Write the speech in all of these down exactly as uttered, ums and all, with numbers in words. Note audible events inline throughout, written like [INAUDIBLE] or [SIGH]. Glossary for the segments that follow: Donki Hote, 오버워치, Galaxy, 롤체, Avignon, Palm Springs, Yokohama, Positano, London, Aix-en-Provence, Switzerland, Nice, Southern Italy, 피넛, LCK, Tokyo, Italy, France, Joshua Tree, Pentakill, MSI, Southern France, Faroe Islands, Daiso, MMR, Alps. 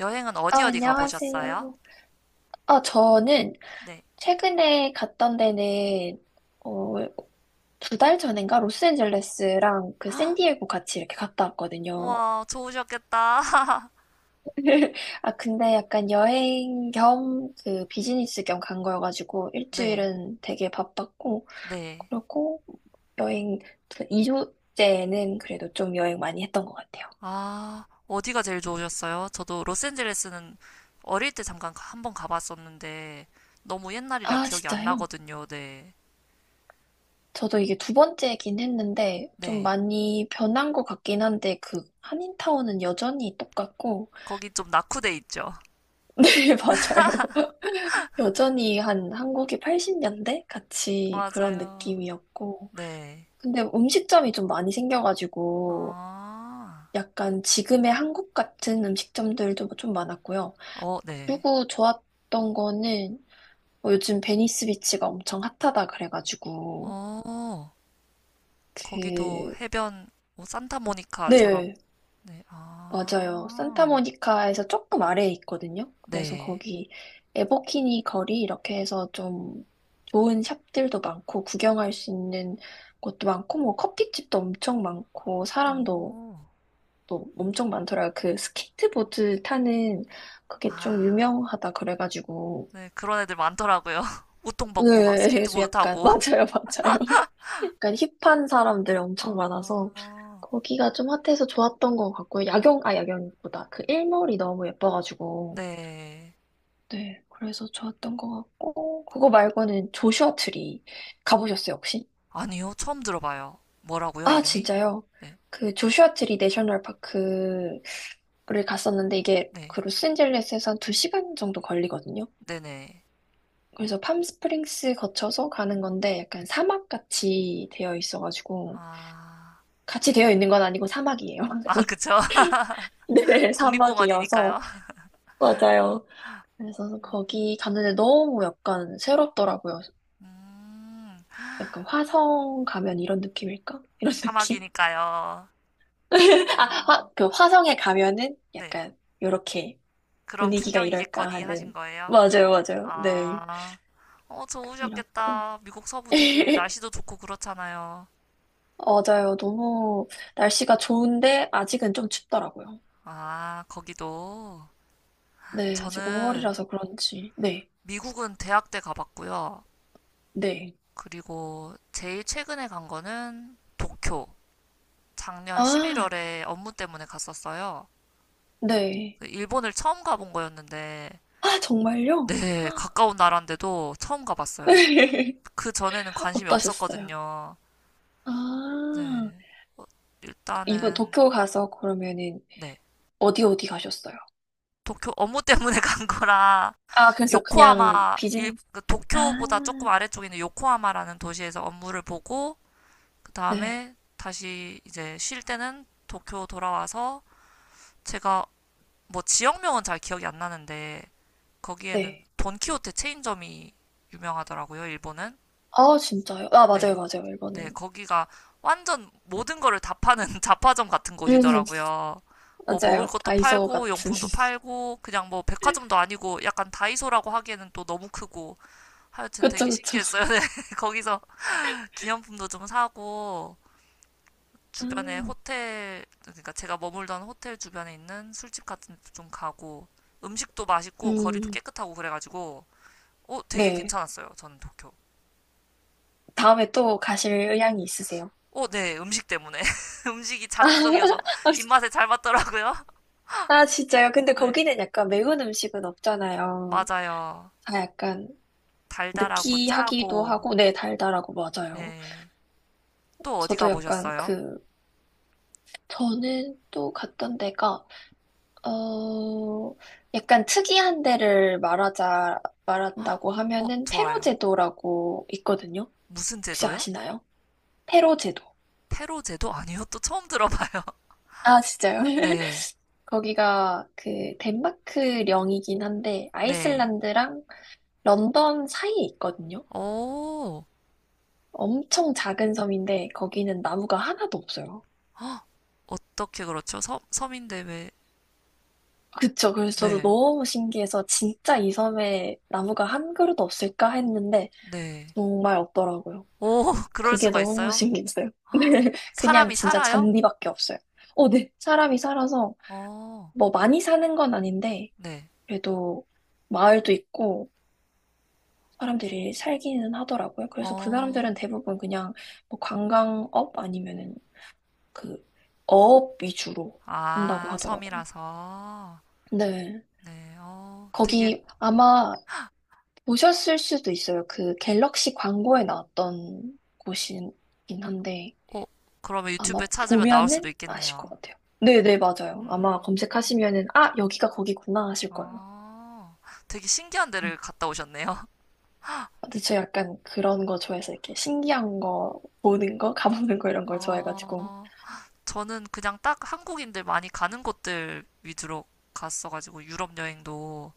여행은 아, 어디 어디 가보셨어요? 안녕하세요. 아, 저는 네. 최근에 갔던 데는, 어, 두 달 전인가? 로스앤젤레스랑 그 샌디에고 같이 이렇게 갔다 왔거든요. 우와, 좋으셨겠다. [LAUGHS] [LAUGHS] 아, 근데 약간 여행 겸 그 비즈니스 겸 간 거여가지고 네, 일주일은 되게 바빴고, 네. 그리고 여행, 그 이 주째는 그래도 좀 여행 많이 했던 것 같아요. 아, 어디가 제일 좋으셨어요? 저도 로스앤젤레스는 어릴 때 잠깐 가- 한번 가봤었는데 너무 옛날이라 아, 기억이 안 진짜요? 나거든요. 네, 저도 이게 두 번째긴 했는데 좀 네. 많이 변한 것 같긴 한데 그 한인타운은 여전히 똑같고 거기 좀 낙후돼 있죠. [LAUGHS] [LAUGHS] 네, 맞아요. 여전히 한 한국이 팔십 년대 같이 그런 맞아요. 느낌이었고 네. 근데 음식점이 좀 많이 생겨가지고 아, 약간 지금의 한국 같은 음식점들도 좀 많았고요. 어, 네. 그리고 좋았던 거는 뭐 요즘 베니스 비치가 엄청 핫하다 그래가지고 어, 거기도 그 해변, 뭐 산타모니카처럼. 네. 네, 맞아요. 아, 산타모니카에서 조금 아래에 있거든요. 그래서 네. 거기 에버키니 거리 이렇게 해서 좀 좋은 샵들도 많고 구경할 수 있는 곳도 많고 뭐 커피집도 엄청 많고 사람도 오. 또 엄청 많더라고요. 그 스케이트보드 타는 그게 좀 아, 유명하다 그래가지고 네, 그런 애들 많더라고요. [LAUGHS] 웃통 벗고 막 네, 그래서 스케이트보드 약간 [LAUGHS] 타고. 맞아요, 맞아요. 약간 힙한 사람들 엄청 많아서 아, 거기가 좀 핫해서 좋았던 것 같고요. 야경, 아, 야경보다 그 일몰이 너무 예뻐가지고. 네. 네, 그래서 좋았던 것 같고, 그거 말고는 조슈아 트리 가보셨어요, 혹시? 아니요, 처음 들어봐요. 뭐라고요, 아, 이름이? 진짜요? 네, 그 조슈아 트리 내셔널 파크를 갔었는데, 이게 네, 그 로스앤젤레스에서 한 두 시간 정도 걸리거든요. 네네. 그래서 팜스프링스 거쳐서 가는 건데, 약간 사막같이 되어 있어가지고, 아, 같이 되어 있는 건 아니고 사막이에요. 아, [LAUGHS] 그쵸. [LAUGHS] 네, 사막이어서. 국립공원이니까요. 맞아요. 그래서 음, 거기 갔는데 너무 약간 새롭더라고요. 음, 약간 화성 가면 이런 느낌일까? 이런 [LAUGHS] 느낌? 사막이니까요. [LAUGHS] 아, 화, 음, 그 화성에 가면은 네, 약간 요렇게 그런 분위기가 이럴까 풍경이겠거니 하신 하는. 거예요. 맞아요, 맞아요. 네. 아, 어, 이렇고. 좋으셨겠다. 미국 서부 [LAUGHS] 되게 날씨도 좋고 그렇잖아요. 맞아요. 너무 날씨가 좋은데 아직은 좀 춥더라고요. 아, 거기도. 네, 아직 저는 오월이라서 그런지. 네, 미국은 대학 때 가봤고요. 네. 그리고 제일 최근에 간 거는 도쿄. 작년 아, 십일월에 업무 때문에 갔었어요. 네. 그 일본을 처음 가본 거였는데, 아, 정말요? 네, 가까운 나라인데도 처음 가봤어요. [LAUGHS] 그 전에는 관심이 어떠셨어요? 없었거든요. 아, 네, 어, 이번 일단은, 도쿄 가서 그러면은 네. 어디 어디 가셨어요? 도쿄 업무 때문에 [LAUGHS] 간 거라, 아, 그래서 그냥 요코하마, 일, 비즈니스. 그 아, 도쿄보다 조금 아래쪽에 있는 요코하마라는 도시에서 업무를 보고, 그 네, 다음에 다시 이제 쉴 때는 도쿄 돌아와서 제가 뭐 지역명은 잘 기억이 안 나는데 거기에는 네. 돈키호테 체인점이 유명하더라고요, 일본은. 아, 진짜요? 아, 맞아요, 네, 맞아요, 네, 이거는. 거기가 완전 모든 거를 다 파는 [LAUGHS] 잡화점 같은 음, [LAUGHS] 곳이더라고요. 뭐 먹을 맞아요. 것도 다이소 팔고 같은. 용품도 [LAUGHS] 팔고 그냥 뭐 백화점도 아니고 약간 다이소라고 하기에는 또 너무 크고 하여튼 그쵸, 되게 그쵸. 신기했어요. [LAUGHS] 네, 거기서 기념품도 좀 사고 아, 주변에 호텔, 그러니까 제가 머물던 호텔 주변에 있는 술집 같은 데도 좀 가고, 음식도 맛있고, 거리도 음, 깨끗하고 그래가지고, 어, 되게 네. 괜찮았어요. 저는 도쿄. 다음에 또 가실 의향이 있으세요? 어, 네, 음식 때문에. [LAUGHS] 음식이 [LAUGHS] 자극적이어서 아, 진- 입맛에 잘 맞더라고요. [LAUGHS] 아, 진짜요? 근데 네, 거기는 약간 매운 음식은 없잖아요. 맞아요. 다 약간 달달하고 느끼하기도 짜고, 하고, 네, 달달하고, 맞아요. 네. 또 어디 저도 약간 가보셨어요? 그, 저는 또 갔던 데가 어, 약간 특이한 데를 말하자, [GASPS] 헉, 말한다고 어, 하면은 페로 좋아요. 제도라고 있거든요. 무슨 혹시 제도요? 아시나요? 페로 제도. 페로 제도 아니요? 또 처음 들어봐요. [LAUGHS] 아, 진짜요? [LAUGHS] 네, 거기가 그 덴마크령이긴 한데 네. 아이슬란드랑 런던 사이에 있거든요. 오, 엄청 작은 섬인데 거기는 나무가 하나도 없어요. 어떻게 그렇죠? 서, 서민대회. 그쵸. 그래서 저도 네, 너무 신기해서 진짜 이 섬에 나무가 한 그루도 없을까 했는데 네. 정말 없더라고요. 오, [LAUGHS] 그럴 그게 수가 너무 있어요? 신기했어요. [GASPS] [LAUGHS] 헉, 네, 그냥 사람이 진짜 살아요? 잔디밖에 없어요. 어, 네. 사람이 살아서 어, 뭐 많이 사는 건 아닌데 네. 그래도 마을도 있고 사람들이 살기는 하더라고요. 그래서 그 어, 사람들은 대부분 그냥 뭐 관광업 아니면은 그 어업 위주로 한다고 아, 하더라고요. 섬이라서. 네. 네, 어, 되게, 거기 아마 보셨을 수도 있어요. 그 갤럭시 광고에 나왔던 곳이긴 한데 어, 그러면 아마 유튜브에 찾으면 나올 수도 보면은 아실 것 있겠네요. 같아요. 네네, 맞아요. 아마 음, 검색하시면은, 아, 여기가 거기구나 하실 거예요. 어, 되게 신기한 음. 데를 갔다 오셨네요. 근데 저 약간 그런 거 좋아해서 이렇게 신기한 거, 보는 거, 가보는 거 [LAUGHS] 이런 걸 좋아해가지고. 어, 저는 그냥 딱 한국인들 많이 가는 곳들 위주로 갔어가지고 유럽 여행도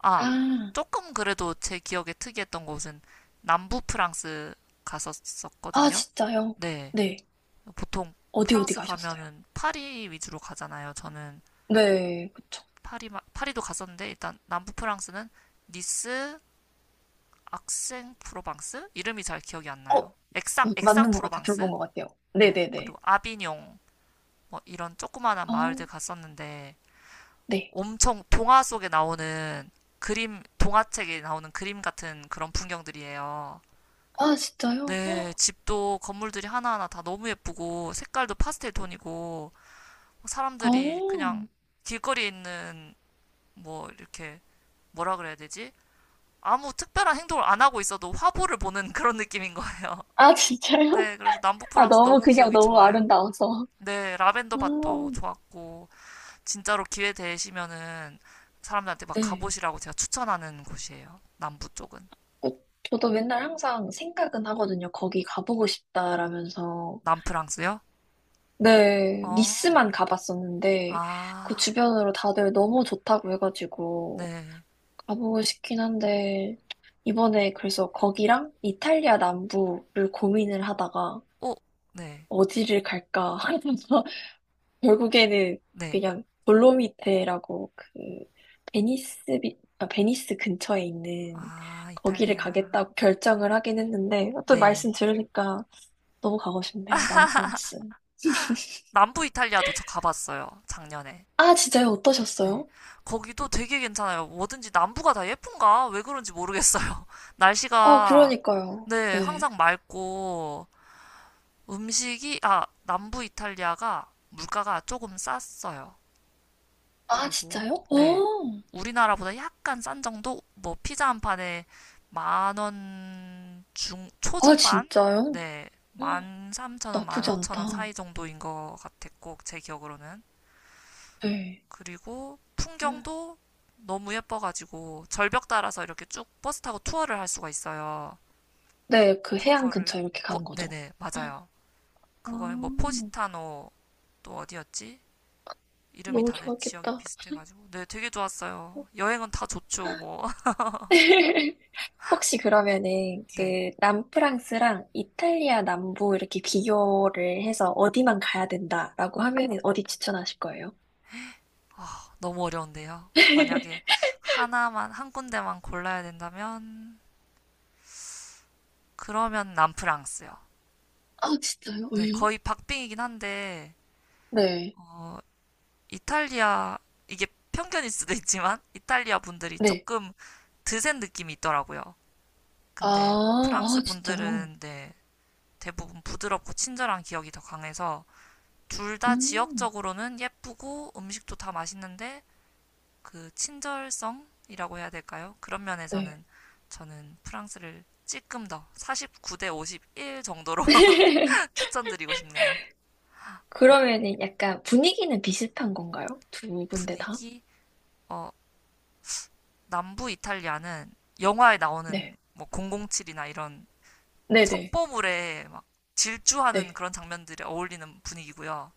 아, 아, 조금 그래도 제 기억에 특이했던 곳은 남부 프랑스 아, 갔었었거든요. 진짜요? 네. 네. 보통 어디 어디 프랑스 가셨어요? 가면은 파리 위주로 가잖아요. 저는 네, 그쵸. 파리, 파리도 갔었는데 일단 남부 프랑스는 니스, 악생 프로방스? 이름이 잘 기억이 안 어, 나요. 어, 액상, 액상 맞는 것 같아요. 들어본 프로방스? 것 같아요. 네. 네네네. 그리고 아비뇽, 뭐 이런 조그마한 어, 마을들 갔었는데 네. 엄청 동화 속에 나오는 그림, 동화책에 나오는 그림 같은 그런 풍경들이에요. 아, 진짜요? 네, 헉, 집도 건물들이 하나하나 다 너무 예쁘고 색깔도 파스텔 톤이고 사람들이 그냥 어, 길거리에 있는 뭐 이렇게 뭐라 그래야 되지? 아무 특별한 행동을 안 하고 있어도 화보를 보는 [LAUGHS] 그런 느낌인 거예요. 아, [LAUGHS] 진짜요? 네, 그래서 [LAUGHS] 남부 아, 프랑스 너무 너무 그냥 기억이 너무 좋아요. 아름다워서. 네, 라벤더 아, 밭도 좋았고 진짜로 기회 되시면은 사람들한테 막 네. 가보시라고 제가 추천하는 곳이에요. 남부 쪽은. 어, 저도 맨날 항상 생각은 하거든요. 거기 가보고 싶다라면서. 남프랑스요? 네, 어. 니스만 가봤었는데, 그 아. 주변으로 다들 너무 좋다고 해가지고, 네. 가보고 싶긴 한데, 이번에 그래서 거기랑 이탈리아 남부를 고민을 하다가, 오, 네. 어디를 갈까 하면서 결국에는 네. 그냥 돌로미테라고 그 베니스 비- 아, 베니스 근처에 있는 아, 거기를 이탈리아. 가겠다고 결정을 하긴 했는데 또 네. 말씀 들으니까 너무 가고 싶네요. 남프랑스. 남부 이탈리아도 저 가봤어요. 작년에. 아, 진짜요? 네. 어떠셨어요? 거기도 되게 괜찮아요. 뭐든지 남부가 다 예쁜가? 왜 그런지 모르겠어요. [LAUGHS] 아, 날씨가, 그러니까요. 네, 네. 항상 맑고, 음식이, 아, 남부 이탈리아가 물가가 조금 쌌어요. 아, 그리고 진짜요? 네. 어. 우리나라보다 약간 싼 정도? 뭐 피자 한 판에 만원 중, 아, 초중반? 진짜요? 네. 어, 만 삼천 원, 만 나쁘지 오천 원 않다. 사이 정도인 것 같았고, 제 기억으로는. 네. 그리고 풍경도 너무 예뻐가지고, 절벽 따라서 이렇게 쭉 버스 타고 투어를 할 수가 있어요. 네, 그 해안 그거를, 근처 이렇게 어, 가는 거죠. 네네, 맞아요. 아, 그걸 뭐 포지타노, 또 어디였지? 이름이 너무 다들 지역이 좋았겠다. 비슷해가지고. 네, 되게 좋았어요. 여행은 다 좋죠, 뭐. [LAUGHS] 혹시 그러면은 네, 그 남프랑스랑 이탈리아 남부 이렇게 비교를 해서 어디만 가야 된다라고 하면은 어디 추천하실 거예요? 너무 어려운데요. 만약에 [LAUGHS] 하나만, 한 군데만 골라야 된다면, 그러면 남프랑스요. 아, 진짜요? 네, 왜요? 거의 박빙이긴 한데, 네, 어, 이탈리아, 이게 편견일 수도 있지만, 이탈리아 분들이 네, 조금 드센 느낌이 있더라고요. 아, 근데 프랑스 아, 진짜요? 분들은, 네, 대부분 부드럽고 친절한 기억이 더 강해서, 둘 다 음, 지역적으로는 예쁘고 음식도 다 맛있는데, 그 친절성이라고 해야 될까요? 그런 네. 면에서는 저는 프랑스를 조금 더 사십구 대 오십일 정도로 [LAUGHS] [LAUGHS] 추천드리고 싶네요. 그러면은 약간 분위기는 비슷한 건가요? 두 군데 다? 분위기, 어, 남부 이탈리아는 영화에 나오는 네, 뭐 공공칠이나 이런 네네, 첩보물에 막 질주하는 네. 그런 장면들이 어울리는 분위기고요.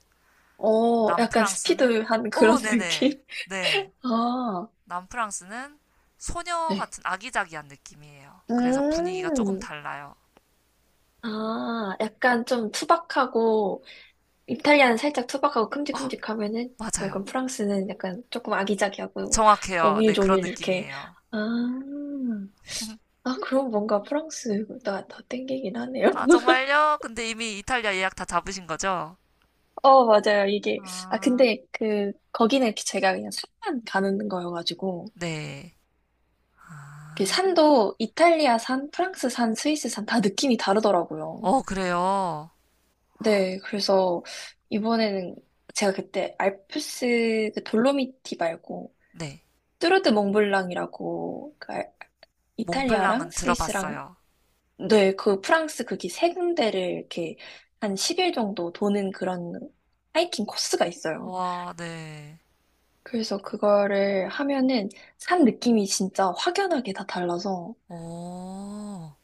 어, 약간 남프랑스는, 스피드한 그런 오, [LAUGHS] 느낌? 네네. 네. 아, 남프랑스는 소녀 네. 같은 아기자기한 느낌이에요. 그래서 분위기가 조금 음, 달라요. 아, 약간 좀 투박하고, 이탈리아는 살짝 투박하고 어, 큼직큼직하면은, 맞아요. 약간 프랑스는 약간 조금 아기자기하고, 정확해요. 네, 그런 오밀조밀 이렇게. 느낌이에요. 아, 아, 그럼 뭔가 프랑스가 더 땡기긴 하네요. 아, [LAUGHS] 정말요? 근데 이미 이탈리아 예약 다 잡으신 거죠? 어, 맞아요. 이게, 아, 아, 근데 그, 거기는 제가 그냥 산만 가는 거여가지고, 네. 그 아, 산도 이탈리아 산, 프랑스 산, 스위스 산 다 느낌이 다르더라고요. 어, 그래요. 네, 그래서 이번에는 제가 그때 알프스 그 돌로미티 말고 네. 뚜르드 몽블랑이라고 그 알- 이탈리아랑 몽블랑은 스위스랑 들어봤어요. 네, 그 프랑스 거기 세 군데를 이렇게 한 십 일 정도 도는 그런 하이킹 코스가 있어요. 와, 네. 그래서 그거를 하면은 산 느낌이 진짜 확연하게 다 달라서 오,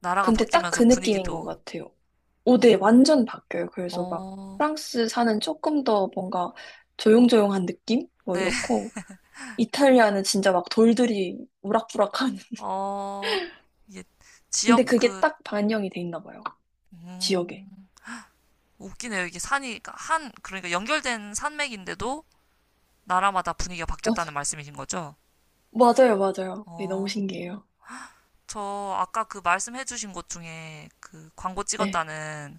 나라가 근데 딱 바뀌면서 그 느낌인 것 분위기도, 같아요. 오, 네, 어, 완전 바뀌어요. 그래서 막 어, 프랑스 사는 조금 더 뭔가 조용조용한 느낌? 뭐 네. [LAUGHS] 이렇고, 이탈리아는 진짜 막 돌들이 우락부락한. [LAUGHS] 어, 이게 지역 근데 그게 그, 딱 반영이 돼 있나 봐요. 지역에. 음, 웃기네요. 이게 산이, 그러니까 한, 그러니까 연결된 산맥인데도 나라마다 분위기가 맞아. 바뀌었다는 말씀이신 거죠? 맞아요, 맞아요. 그게 너무 어, 신기해요. 저 아까 그 말씀해주신 곳 중에 그 광고 네. 찍었다는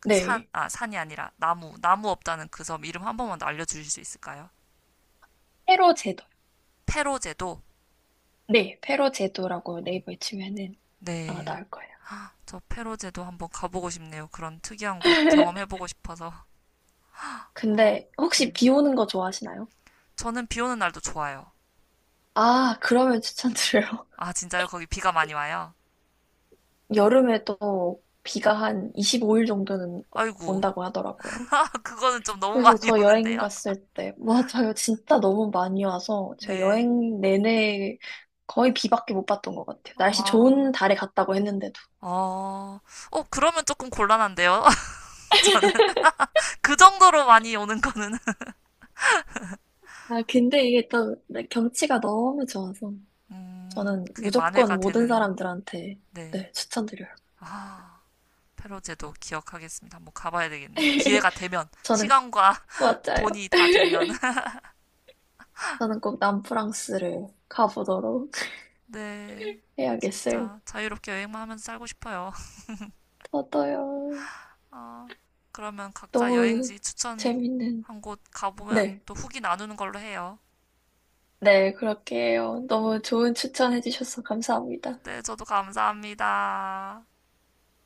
그 산, 네. 아, 산이 아니라 나무, 나무 없다는 그 섬 이름 한 번만 더 알려주실 수 있을까요? 페로 제도. 페로제도? 네, 페로 제도라고 네이버에 치면은 아마 네. 나올 거예요. 저 페로제도 한번 가보고 싶네요. 그런 특이한 곳 [LAUGHS] 경험해보고 싶어서. 어, 근데 혹시 네. 비 오는 거 좋아하시나요? 저는 비 오는 날도 좋아요. 아, 그러면 추천드려요. 아, 진짜요? 거기 비가 많이 와요? 여름에 또 비가 한 이십오 일 정도는 아이고. 온다고 하더라고요. [LAUGHS] 그거는 좀 너무 그래서 많이 [LAUGHS] 저 여행 오는데요? 갔을 때, [LAUGHS] 맞아요. 진짜 너무 많이 와서 제가 네. 여행 내내 거의 비밖에 못 봤던 것 같아요. 날씨 좋은 아, 달에 갔다고 했는데도. 어, 어, 그러면 조금 곤란한데요? [LAUGHS] 저는 그 정도로 많이 오는 거는 아, 근데 이게 또 경치가 너무 좋아서 음, 저는 그게 만회가 무조건 모든 되는, 사람들한테 네. 네, 추천드려요. 아, 페로제도 기억하겠습니다. 한번 가봐야 되겠네요. [LAUGHS] 기회가 되면, 저는, 시간과 [LAUGHS] 맞아요. 돈이 다 되면. [LAUGHS] 저는 꼭 남프랑스를 가보도록 [LAUGHS] 네, 해야겠어요. 진짜 자유롭게 여행만 하면서 살고 싶어요. 저도요. 아, 그러면 각자 너무 여행지 추천 재밌는. 한 곳 가보면 네. 또 후기 나누는 걸로 해요. 네, 그렇게 해요. 음, 너무 좋은 추천해주셔서 감사합니다. 네, 저도 감사합니다.